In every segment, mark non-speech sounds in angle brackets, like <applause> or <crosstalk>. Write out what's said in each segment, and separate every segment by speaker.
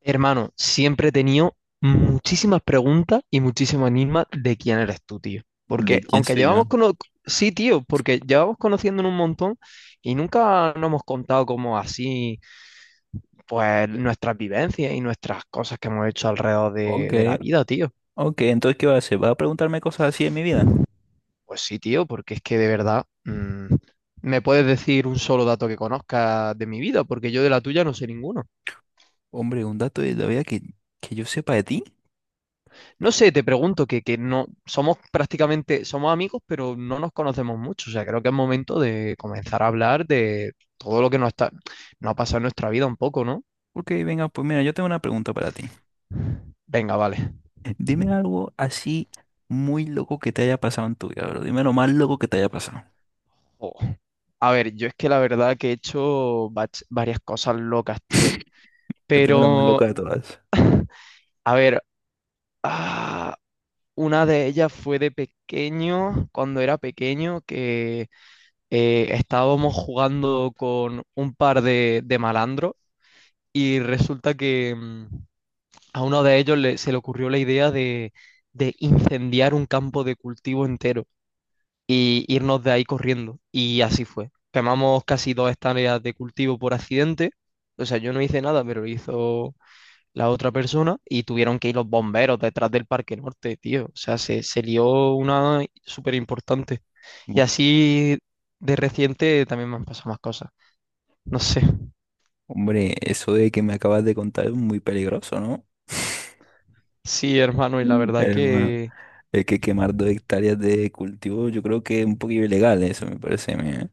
Speaker 1: Hermano, siempre he tenido muchísimas preguntas y muchísimo enigmas de quién eres tú, tío. Porque
Speaker 2: ¿De quién
Speaker 1: aunque
Speaker 2: soy yo?
Speaker 1: llevamos cono... Sí, tío, porque llevamos conociéndonos un montón y nunca nos hemos contado como así, pues nuestras vivencias y nuestras cosas que hemos hecho alrededor de,
Speaker 2: Ok,
Speaker 1: de la vida, tío.
Speaker 2: ok, entonces ¿qué vas a hacer? ¿Vas a preguntarme cosas así de mi vida?
Speaker 1: Pues sí, tío, porque es que de verdad, me puedes decir un solo dato que conozcas de mi vida, porque yo de la tuya no sé ninguno.
Speaker 2: Hombre, un dato de la vida que yo sepa de ti.
Speaker 1: No sé, te pregunto que no somos prácticamente, somos amigos, pero no nos conocemos mucho. O sea, creo que es momento de comenzar a hablar de todo lo que nos ha pasado en nuestra vida un poco, ¿no?
Speaker 2: Ok, venga, pues mira, yo tengo una pregunta para ti.
Speaker 1: Venga, vale.
Speaker 2: Dime algo así muy loco que te haya pasado en tu vida, bro. Dime lo más loco que te haya pasado.
Speaker 1: Jo, a ver, yo es que la verdad que he hecho varias cosas locas, tío.
Speaker 2: <laughs> Dime lo más
Speaker 1: Pero,
Speaker 2: loca de todas.
Speaker 1: a ver, ah, una de ellas fue de pequeño, cuando era pequeño, que estábamos jugando con un par de malandros y resulta que a uno de ellos se le ocurrió la idea de incendiar un campo de cultivo entero y irnos de ahí corriendo. Y así fue. Quemamos casi dos hectáreas de cultivo por accidente. O sea, yo no hice nada, pero lo hizo la otra persona y tuvieron que ir los bomberos detrás del Parque Norte, tío. O sea, se lió una súper importante. Y
Speaker 2: Mu-
Speaker 1: así de reciente también me han pasado más cosas. No sé.
Speaker 2: Hombre, eso de que me acabas de contar es muy peligroso, ¿no?
Speaker 1: Sí, hermano, y la verdad
Speaker 2: Hermano,
Speaker 1: que
Speaker 2: es que quemar 2 hectáreas de cultivo yo creo que es un poquito ilegal, eso me parece a mí, ¿eh?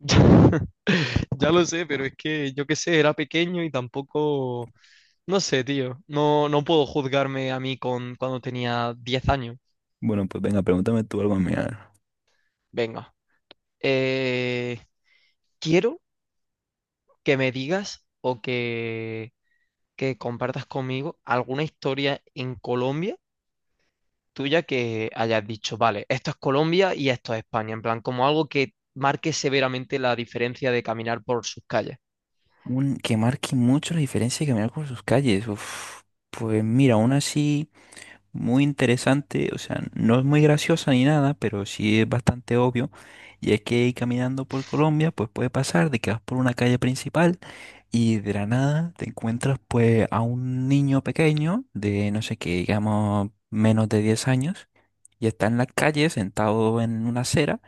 Speaker 1: <laughs> ya, lo sé, pero es que yo qué sé, era pequeño y tampoco, no sé, tío, no puedo juzgarme a mí con cuando tenía 10 años.
Speaker 2: Bueno, pues venga, pregúntame tú algo a mí, a ver.
Speaker 1: Venga, eh, quiero que me digas o que compartas conmigo alguna historia en Colombia tuya que hayas dicho, vale, esto es Colombia y esto es España, en plan, como algo que marque severamente la diferencia de caminar por sus calles.
Speaker 2: Que marque mucho la diferencia de caminar por sus calles. Uf, pues mira, aún así, muy interesante. O sea, no es muy graciosa ni nada, pero sí es bastante obvio. Y es que caminando por Colombia, pues puede pasar de que vas por una calle principal y de la nada te encuentras pues a un niño pequeño de, no sé qué, digamos, menos de 10 años, y está en la calle sentado en una acera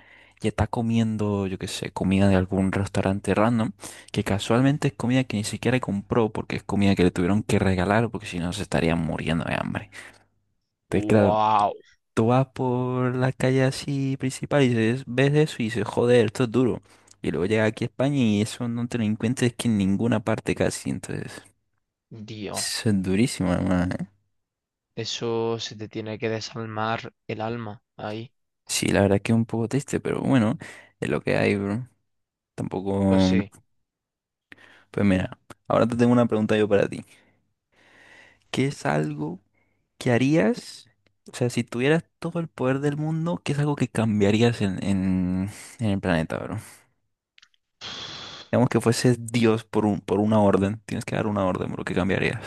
Speaker 2: y está comiendo, yo qué sé, comida de algún restaurante random, que casualmente es comida que ni siquiera compró porque es comida que le tuvieron que regalar porque si no se estarían muriendo de hambre. Entonces, claro,
Speaker 1: Wow,
Speaker 2: tú vas por la calle así principal y dices- ves eso y dices, joder, esto es duro. Y luego llega aquí a España y eso no te lo encuentras que en ninguna parte casi, entonces...
Speaker 1: dios.
Speaker 2: Eso es durísimo, hermano, ¿eh?
Speaker 1: Eso se te tiene que desalmar el alma ahí.
Speaker 2: Sí, la verdad que es un poco triste, pero bueno, es lo que hay, bro.
Speaker 1: Pues
Speaker 2: Tampoco.
Speaker 1: sí.
Speaker 2: Pues mira, ahora te tengo una pregunta yo para ti. ¿Qué es algo que harías? O sea, si tuvieras todo el poder del mundo, ¿qué es algo que cambiarías en el planeta, bro? Digamos que fueses Dios por un, por una orden. Tienes que dar una orden, bro. ¿Qué cambiarías?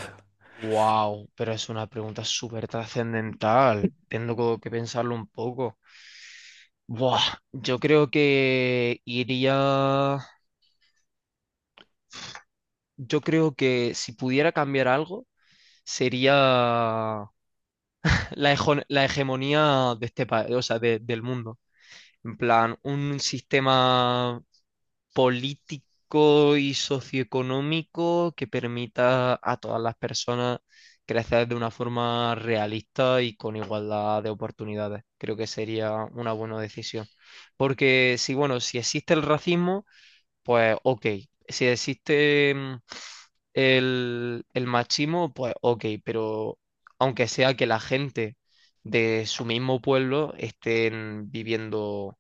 Speaker 1: Wow, pero es una pregunta súper trascendental. Tengo como que pensarlo un poco. Buah, yo creo que iría. Yo creo que si pudiera cambiar algo, sería <laughs> la hegemonía de este país, o sea, del mundo. En plan, un sistema político y socioeconómico que permita a todas las personas crecer de una forma realista y con igualdad de oportunidades. Creo que sería una buena decisión. Porque si, bueno, si existe el racismo, pues ok. Si existe el machismo, pues ok, pero aunque sea que la gente de su mismo pueblo estén viviendo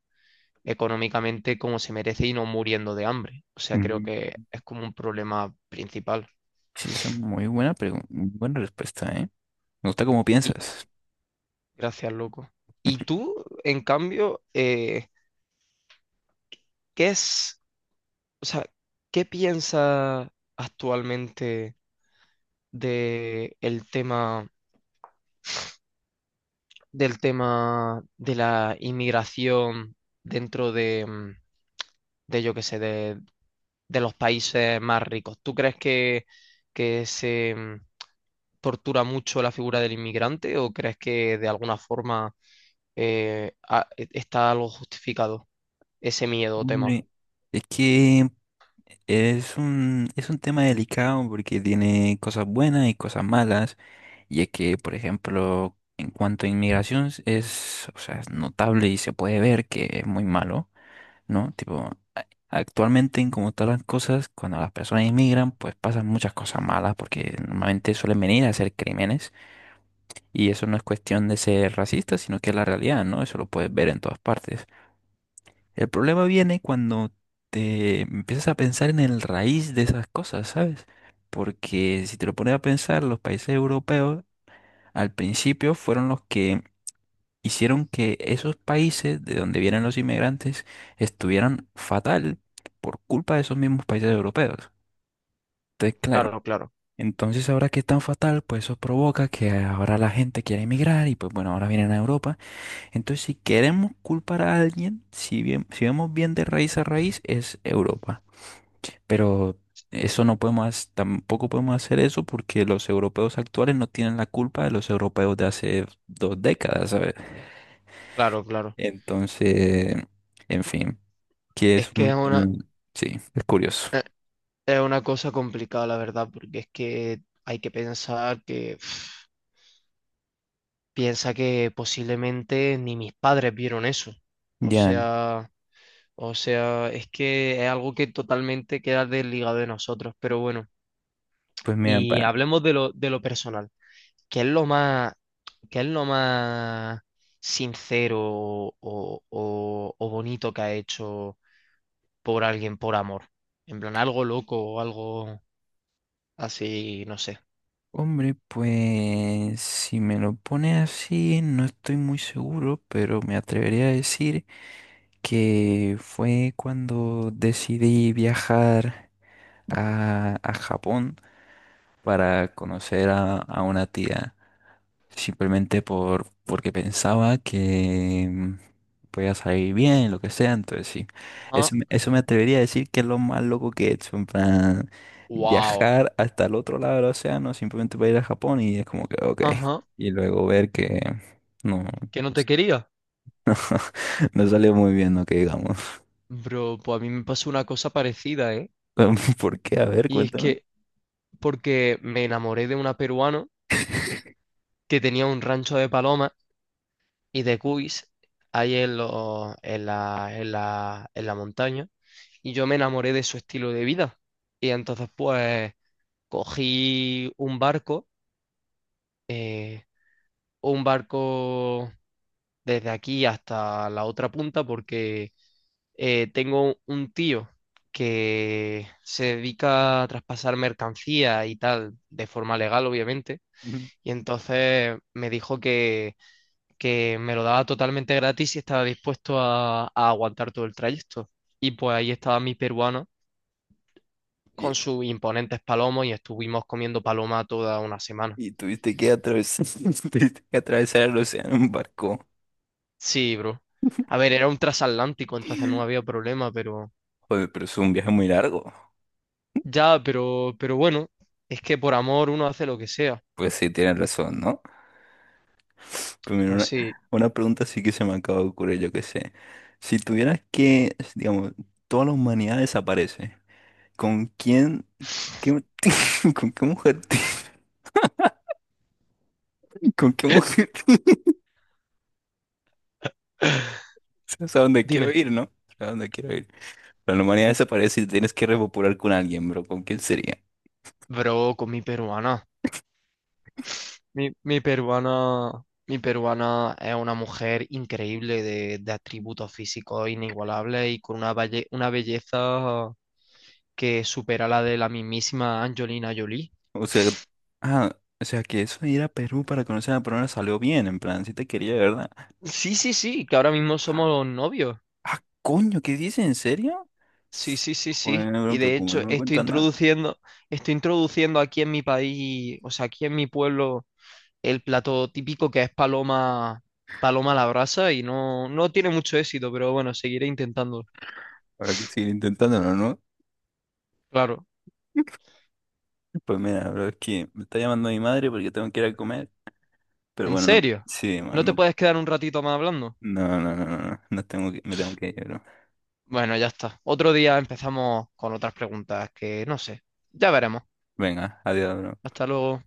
Speaker 1: económicamente como se merece y no muriendo de hambre. O sea, creo
Speaker 2: Ujú.
Speaker 1: que es como un problema principal.
Speaker 2: Sí, esa es muy buena pregunta, buena respuesta, ¿eh? Me gusta cómo
Speaker 1: Y
Speaker 2: piensas.
Speaker 1: gracias, loco. Y tú, en cambio, ¿qué es, o sea, qué piensas actualmente de del tema de la inmigración dentro de, de yo qué sé, de los países más ricos? ¿Tú crees que se, tortura mucho la figura del inmigrante o crees que de alguna forma está algo justificado ese miedo o temor?
Speaker 2: Hombre, es que es un, es un tema delicado porque tiene cosas buenas y cosas malas, y es que, por ejemplo, en cuanto a inmigración es, o sea, es notable y se puede ver que es muy malo, ¿no? Tipo, actualmente en como están las cosas, cuando las personas inmigran, pues pasan muchas cosas malas porque normalmente suelen venir a hacer crímenes, y eso no es cuestión de ser racista, sino que es la realidad, ¿no? Eso lo puedes ver en todas partes. El problema viene cuando te empiezas a pensar en el raíz de esas cosas, ¿sabes? Porque si te lo pones a pensar, los países europeos al principio fueron los que hicieron que esos países de donde vienen los inmigrantes estuvieran fatal por culpa de esos mismos países europeos. Entonces, claro,
Speaker 1: Claro, claro,
Speaker 2: entonces ahora que están fatal, pues eso provoca que ahora la gente quiera emigrar y pues bueno, ahora vienen a Europa, entonces, si queremos culpar a alguien, si bien, si vemos bien de raíz a raíz, es Europa. Pero eso no podemos, tampoco podemos hacer eso porque los europeos actuales no tienen la culpa de los europeos de hace 2 décadas, ¿sabes?
Speaker 1: claro, claro.
Speaker 2: Entonces, en fin, que
Speaker 1: Es
Speaker 2: es
Speaker 1: que
Speaker 2: un... tema- Sí, es curioso.
Speaker 1: es una cosa complicada, la verdad, porque es que hay que pensar que <sniffs> pf, piensa que posiblemente ni mis padres vieron eso. O
Speaker 2: Ya,
Speaker 1: sea, o sea, es que es algo que totalmente queda desligado de nosotros, pero bueno.
Speaker 2: pues mira,
Speaker 1: Y
Speaker 2: para...
Speaker 1: hablemos de lo personal. ¿Qué es lo más, qué es lo más sincero o bonito que ha hecho por alguien por amor? En plan, algo loco o algo así, no sé.
Speaker 2: Hombre, pues si me lo pone así, no estoy muy seguro, pero me atrevería a decir que fue cuando decidí viajar a Japón para conocer a una tía, simplemente porque pensaba que podía salir bien, lo que sea, entonces sí,
Speaker 1: Ajá.
Speaker 2: eso, eso me atrevería a decir que es lo más loco que he hecho, en plan,
Speaker 1: Wow.
Speaker 2: viajar hasta el otro lado del océano simplemente para ir a Japón y es como que, ok,
Speaker 1: Ajá.
Speaker 2: y luego ver que no,
Speaker 1: ¿Que no te quería?
Speaker 2: <laughs> no salió muy bien, no que digamos.
Speaker 1: Bro, pues a mí me pasó una cosa parecida, ¿eh?
Speaker 2: <laughs> ¿Por qué? A ver,
Speaker 1: Y es
Speaker 2: cuéntame.
Speaker 1: que porque me enamoré de una peruana que tenía un rancho de palomas y de cuis ahí en en la montaña. Y yo me enamoré de su estilo de vida. Y entonces pues cogí un barco, eh, un barco desde aquí hasta la otra punta porque tengo un tío que se dedica a traspasar mercancía y tal, de forma legal, obviamente.
Speaker 2: Ujú.
Speaker 1: Y entonces me dijo que me lo daba totalmente gratis y estaba dispuesto a aguantar todo el trayecto. Y pues ahí estaba mi peruano con
Speaker 2: Y,
Speaker 1: sus imponentes palomos y estuvimos comiendo paloma toda una semana.
Speaker 2: y tuviste que atravesar, <laughs> tuviste que atravesar el océano en barco.
Speaker 1: Sí, bro. A ver, era un transatlántico, entonces no había problema, pero...
Speaker 2: Joder, pero es un viaje muy largo.
Speaker 1: Ya, pero bueno, es que por amor uno hace lo que sea.
Speaker 2: Pues sí, tienes razón, ¿no? Pero mira,
Speaker 1: Pues sí.
Speaker 2: una pregunta sí que se me acaba de ocurrir, yo qué sé. Si tuvieras que, digamos, toda la humanidad desaparece, ¿con quién, qué- <laughs> con qué mujer, te- <laughs> con qué mujer, te-
Speaker 1: <sighs> <laughs>
Speaker 2: <laughs> o a dónde quiero
Speaker 1: Dime,
Speaker 2: ir, ¿no? O a dónde quiero ir. Pero la humanidad desaparece y tienes que repopular con alguien, bro. ¿Con quién sería?
Speaker 1: bro, con mi peruana. Mi mi peruana es una mujer increíble de atributos físicos inigualables y con una, una belleza que supera la de la mismísima Angelina Jolie.
Speaker 2: O sea, ah, o sea que eso de ir a Perú para conocer a la persona salió bien, en plan, si te quería, ¿verdad?
Speaker 1: Sí, sí, sí, que ahora mismo
Speaker 2: Ah,
Speaker 1: somos novios.
Speaker 2: ah, coño, ¿qué dices? ¿En serio?
Speaker 1: Sí, sí, sí, sí.
Speaker 2: Joder, no,
Speaker 1: Y
Speaker 2: bro, pero
Speaker 1: de
Speaker 2: como
Speaker 1: hecho
Speaker 2: no me cuentan nada,
Speaker 1: estoy introduciendo aquí en mi país, o sea, aquí en mi pueblo, el plato típico que es paloma, paloma a la brasa y no, no tiene mucho éxito, pero bueno, seguiré intentando.
Speaker 2: habrá que seguir intentándolo, ¿no?
Speaker 1: Claro.
Speaker 2: Pues mira, bro, es que me está llamando mi madre porque tengo que ir a comer. Pero
Speaker 1: ¿En
Speaker 2: bueno, no,
Speaker 1: serio?
Speaker 2: sí,
Speaker 1: ¿No te
Speaker 2: mano,
Speaker 1: puedes quedar un ratito más hablando?
Speaker 2: no, no, no, no, no, no tengo que, me tengo que ir, bro.
Speaker 1: Bueno, ya está. Otro día empezamos con otras preguntas que no sé. Ya veremos.
Speaker 2: Venga, adiós, bro.
Speaker 1: Hasta luego.